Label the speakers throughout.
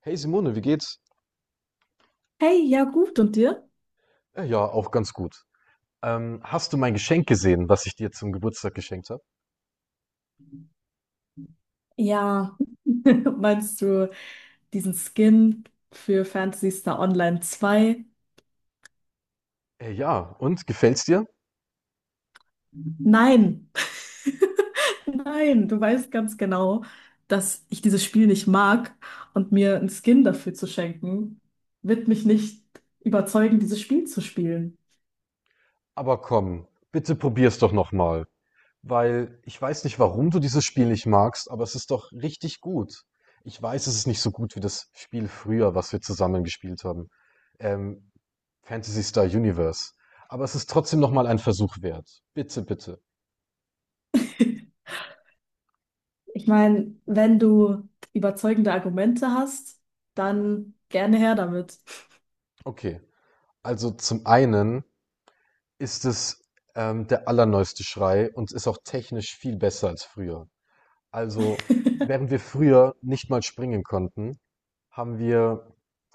Speaker 1: Hey Simone, wie geht's?
Speaker 2: Hey, ja gut, und dir?
Speaker 1: Ja, auch ganz gut. Hast du mein Geschenk gesehen, was ich dir zum Geburtstag geschenkt habe?
Speaker 2: Ja, meinst du diesen Skin für Phantasy Star Online zwei?
Speaker 1: Ja, und gefällt's dir?
Speaker 2: Nein, nein, du weißt ganz genau, dass ich dieses Spiel nicht mag und mir einen Skin dafür zu schenken, wird mich nicht überzeugen, dieses Spiel zu spielen.
Speaker 1: Aber komm, bitte probier's doch nochmal. Weil ich weiß nicht, warum du dieses Spiel nicht magst, aber es ist doch richtig gut. Ich weiß, es ist nicht so gut wie das Spiel früher, was wir zusammen gespielt haben. Ähm, Fantasy Star Universe. Aber es ist trotzdem nochmal ein Versuch wert. Bitte, bitte.
Speaker 2: Ich meine, wenn du überzeugende Argumente hast, dann gerne her damit.
Speaker 1: Okay. Also zum einen ist es der allerneueste Schrei und ist auch technisch viel besser als früher. Also, während wir früher nicht mal springen konnten, haben wir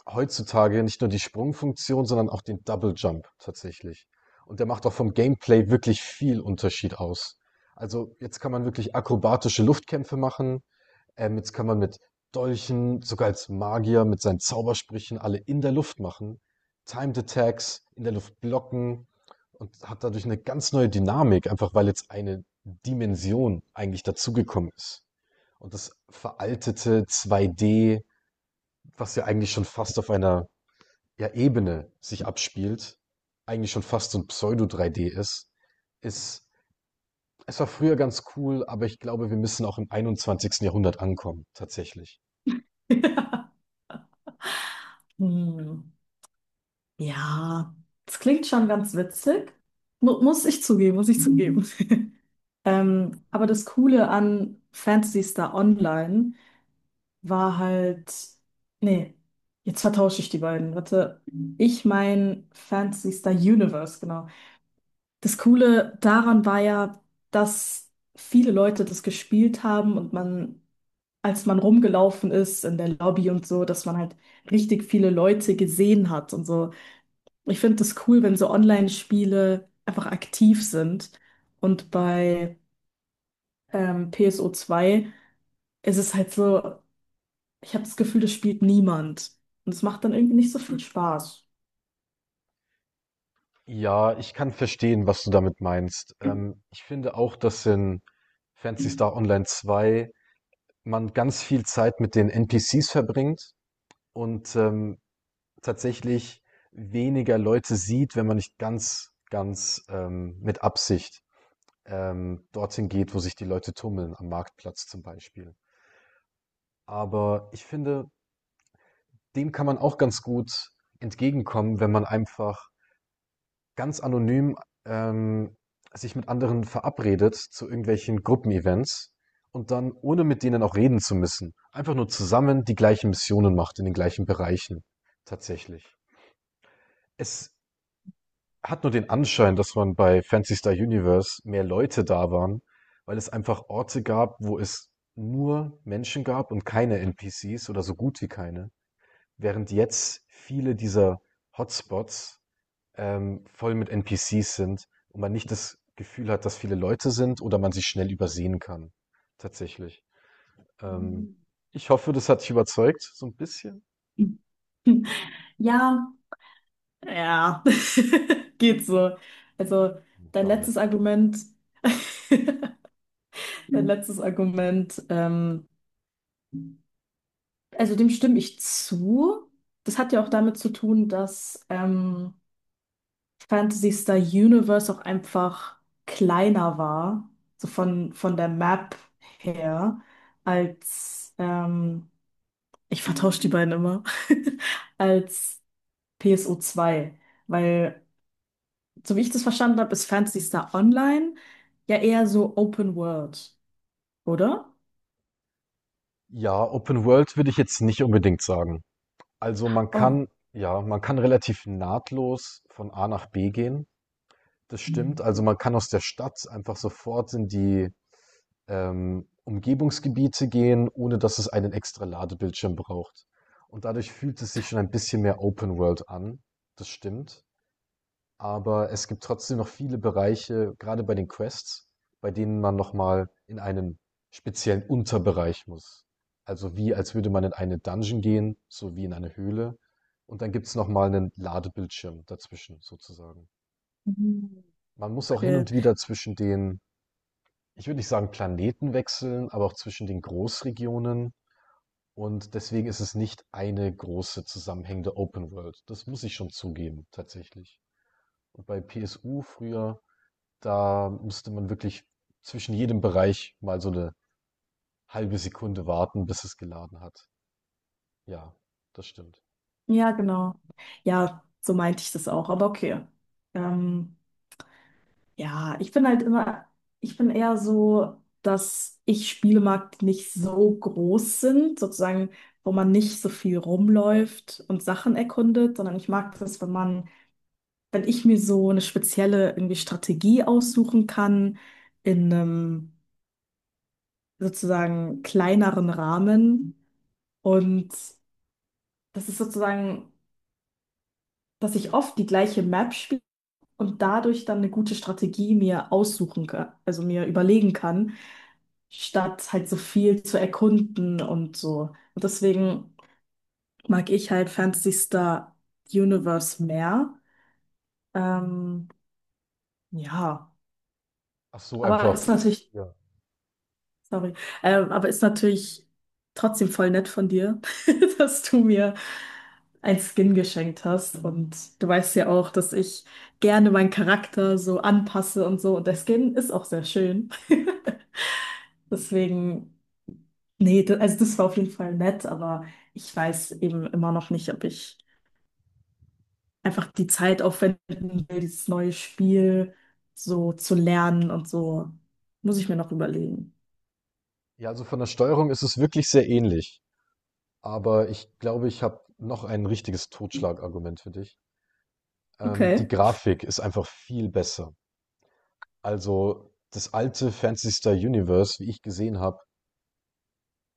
Speaker 1: heutzutage nicht nur die Sprungfunktion, sondern auch den Double Jump tatsächlich. Und der macht auch vom Gameplay wirklich viel Unterschied aus. Also jetzt kann man wirklich akrobatische Luftkämpfe machen. Jetzt kann man mit Dolchen, sogar als Magier, mit seinen Zaubersprüchen alle in der Luft machen. Timed Attacks, in der Luft blocken und hat dadurch eine ganz neue Dynamik, einfach weil jetzt eine Dimension eigentlich dazugekommen ist. Und das veraltete 2D, was ja eigentlich schon fast auf einer, ja, Ebene sich abspielt, eigentlich schon fast so ein Pseudo-3D ist, es war früher ganz cool, aber ich glaube, wir müssen auch im 21. Jahrhundert ankommen, tatsächlich.
Speaker 2: Hm. Ja, das klingt schon ganz witzig. Mu Muss ich zugeben, muss ich zugeben. Aber das Coole an Phantasy Star Online war halt, nee, jetzt vertausche ich die beiden. Warte, ich mein Phantasy Star Universe, genau. Das Coole daran war ja, dass viele Leute das gespielt haben und man, als man rumgelaufen ist in der Lobby und so, dass man halt richtig viele Leute gesehen hat und so. Ich finde das cool, wenn so Online-Spiele einfach aktiv sind. Und bei PSO 2 ist es halt so, ich habe das Gefühl, das spielt niemand. Und es macht dann irgendwie nicht so viel Spaß.
Speaker 1: Ja, ich kann verstehen, was du damit meinst. Ich finde auch, dass in Fantasy Star Online 2 man ganz viel Zeit mit den NPCs verbringt und tatsächlich weniger Leute sieht, wenn man nicht ganz, ganz mit Absicht dorthin geht, wo sich die Leute tummeln, am Marktplatz zum Beispiel. Aber ich finde, dem kann man auch ganz gut entgegenkommen, wenn man einfach ganz anonym ähm, sich mit anderen verabredet zu irgendwelchen Gruppenevents und dann, ohne mit denen auch reden zu müssen, einfach nur zusammen die gleichen Missionen macht in den gleichen Bereichen tatsächlich. Es hat nur den Anschein, dass man bei Phantasy Star Universe mehr Leute da waren, weil es einfach Orte gab, wo es nur Menschen gab und keine NPCs oder so gut wie keine. Während jetzt viele dieser Hotspots voll mit NPCs sind und man nicht das Gefühl hat, dass viele Leute sind oder man sie schnell übersehen kann. Tatsächlich. Ähm, ich hoffe, das hat dich überzeugt, so ein bisschen.
Speaker 2: Ja, ja, geht so. Also dein
Speaker 1: Schade.
Speaker 2: letztes Argument, dein letztes Argument, also dem stimme ich zu. Das hat ja auch damit zu tun, dass Phantasy Star Universe auch einfach kleiner war, so von der Map her, als, ich vertausche die beiden immer, als PSO 2, weil, so wie ich das verstanden habe, ist Phantasy Star Online ja eher so Open World, oder?
Speaker 1: Ja, Open World würde ich jetzt nicht unbedingt sagen. Also man
Speaker 2: Oh.
Speaker 1: kann, ja, man kann relativ nahtlos von A nach B gehen. Das stimmt. Also man kann aus der Stadt einfach sofort in die Umgebungsgebiete gehen, ohne dass es einen extra Ladebildschirm braucht. Und dadurch fühlt es sich schon ein bisschen mehr Open World an. Das stimmt. Aber es gibt trotzdem noch viele Bereiche, gerade bei den Quests, bei denen man nochmal in einen speziellen Unterbereich muss. Also wie, als würde man in eine Dungeon gehen, so wie in eine Höhle. Und dann gibt's noch nochmal einen Ladebildschirm dazwischen, sozusagen.
Speaker 2: Mhm.
Speaker 1: Man muss auch hin
Speaker 2: Okay.
Speaker 1: und wieder zwischen den, ich würde nicht sagen Planeten wechseln, aber auch zwischen den Großregionen. Und deswegen ist es nicht eine große zusammenhängende Open World. Das muss ich schon zugeben, tatsächlich. Und bei PSU früher, da musste man wirklich zwischen jedem Bereich mal so eine halbe Sekunde warten, bis es geladen hat. Ja, das stimmt.
Speaker 2: Ja, genau. Ja, so meinte ich das auch, aber okay. Ähm, Ja, ich bin eher so, dass ich Spiele mag, die nicht so groß sind, sozusagen, wo man nicht so viel rumläuft und Sachen erkundet, sondern ich mag das, wenn ich mir so eine spezielle irgendwie Strategie aussuchen kann, in einem sozusagen kleineren Rahmen. Und das ist sozusagen, dass ich oft die gleiche Map spiele und dadurch dann eine gute Strategie mir aussuchen kann, also mir überlegen kann, statt halt so viel zu erkunden und so. Und deswegen mag ich halt Phantasy Star Universe mehr. Ähm, ja,
Speaker 1: Ach so,
Speaker 2: aber
Speaker 1: einfach
Speaker 2: ist natürlich,
Speaker 1: ja.
Speaker 2: sorry, aber ist natürlich trotzdem voll nett von dir, dass du mir ein Skin geschenkt hast. Und du weißt ja auch, dass ich gerne meinen Charakter so anpasse und so. Und der Skin ist auch sehr schön. Deswegen, nee, also das war auf jeden Fall nett, aber ich weiß eben immer noch nicht, ob ich einfach die Zeit aufwenden will, dieses neue Spiel so zu lernen und so. Muss ich mir noch überlegen.
Speaker 1: Ja, also von der Steuerung ist es wirklich sehr ähnlich, aber ich glaube, ich habe noch ein richtiges Totschlagargument für dich. Die
Speaker 2: Okay.
Speaker 1: Grafik ist einfach viel besser. Also, das alte Phantasy Star Universe, wie ich gesehen habe,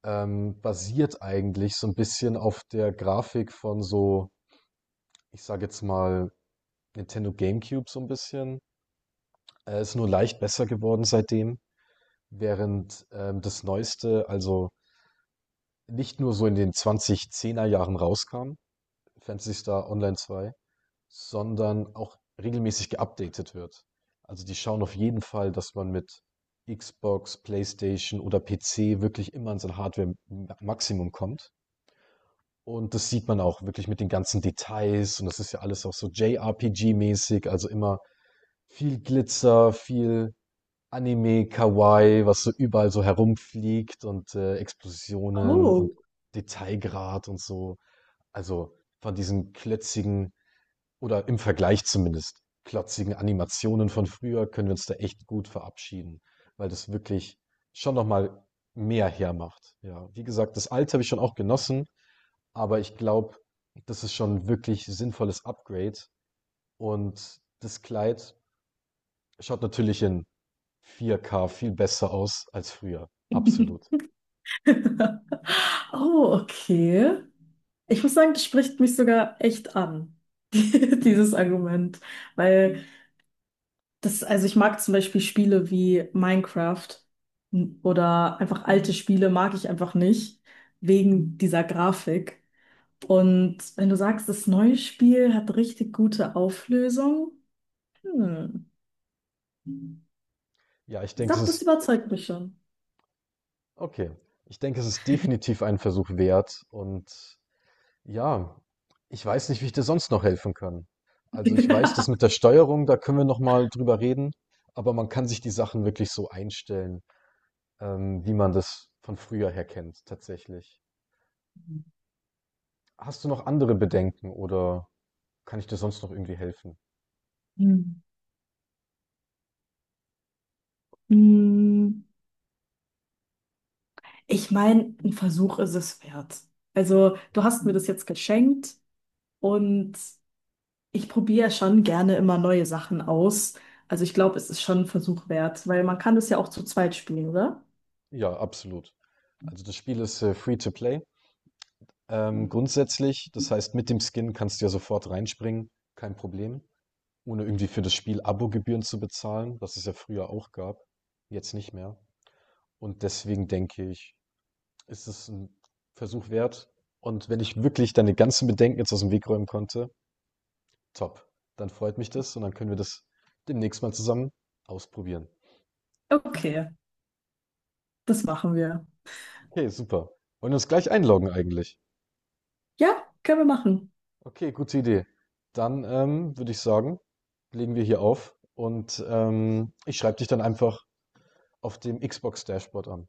Speaker 1: basiert eigentlich so ein bisschen auf der Grafik von so, ich sage jetzt mal, Nintendo GameCube so ein bisschen. Ist nur leicht besser geworden seitdem, während, das Neueste, also nicht nur so in den 2010er Jahren rauskam, Phantasy Star Online 2, sondern auch regelmäßig geupdatet wird. Also die schauen auf jeden Fall, dass man mit Xbox, PlayStation oder PC wirklich immer an sein Hardware-Maximum kommt. Und das sieht man auch wirklich mit den ganzen Details und das ist ja alles auch so JRPG-mäßig, also immer viel Glitzer, viel Anime, Kawaii, was so überall so herumfliegt und Explosionen und
Speaker 2: Oh.
Speaker 1: Detailgrad und so. Also von diesen klötzigen oder im Vergleich zumindest klotzigen Animationen von früher können wir uns da echt gut verabschieden, weil das wirklich schon nochmal mehr hermacht. Ja, wie gesagt, das alte habe ich schon auch genossen, aber ich glaube, das ist schon ein wirklich sinnvolles Upgrade und das Kleid schaut natürlich in 4K viel besser aus als früher. Absolut.
Speaker 2: Oh, okay. Ich muss sagen, das spricht mich sogar echt an, dieses Argument, weil das, also ich mag zum Beispiel Spiele wie Minecraft oder einfach alte Spiele mag ich einfach nicht, wegen dieser Grafik. Und wenn du sagst, das neue Spiel hat richtig gute Auflösung, hm,
Speaker 1: Ja, ich denke, es
Speaker 2: doch, das
Speaker 1: ist
Speaker 2: überzeugt mich schon.
Speaker 1: okay. Ich denke, es ist definitiv einen Versuch wert. Und ja, ich weiß nicht, wie ich dir sonst noch helfen kann. Also ich weiß, dass mit der Steuerung, da können wir noch mal drüber reden. Aber man kann sich die Sachen wirklich so einstellen, wie man das von früher her kennt, tatsächlich. Hast du noch andere Bedenken oder kann ich dir sonst noch irgendwie helfen?
Speaker 2: Hm. Hm, ich meine, ein Versuch ist es wert. Also, du hast mir das jetzt geschenkt und ich probiere ja schon gerne immer neue Sachen aus. Also ich glaube, es ist schon ein Versuch wert, weil man kann das ja auch zu zweit spielen, oder?
Speaker 1: Ja, absolut. Also das Spiel ist free to play. Grundsätzlich, das heißt, mit dem Skin kannst du ja sofort reinspringen, kein Problem, ohne irgendwie für das Spiel Abogebühren zu bezahlen, was es ja früher auch gab, jetzt nicht mehr. Und deswegen denke ich, ist es ein Versuch wert. Und wenn ich wirklich deine ganzen Bedenken jetzt aus dem Weg räumen konnte, top. Dann freut mich das und dann können wir das demnächst mal zusammen ausprobieren.
Speaker 2: Okay, das machen wir.
Speaker 1: Okay, super. Wollen wir uns gleich einloggen eigentlich?
Speaker 2: Ja, können wir machen.
Speaker 1: Okay, gute Idee. Dann würde ich sagen, legen wir hier auf und ich schreibe dich dann einfach auf dem Xbox Dashboard an.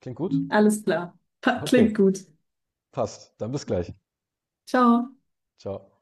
Speaker 1: Klingt gut?
Speaker 2: Alles klar.
Speaker 1: Okay,
Speaker 2: Klingt gut.
Speaker 1: passt. Dann bis gleich.
Speaker 2: Ciao.
Speaker 1: Ciao.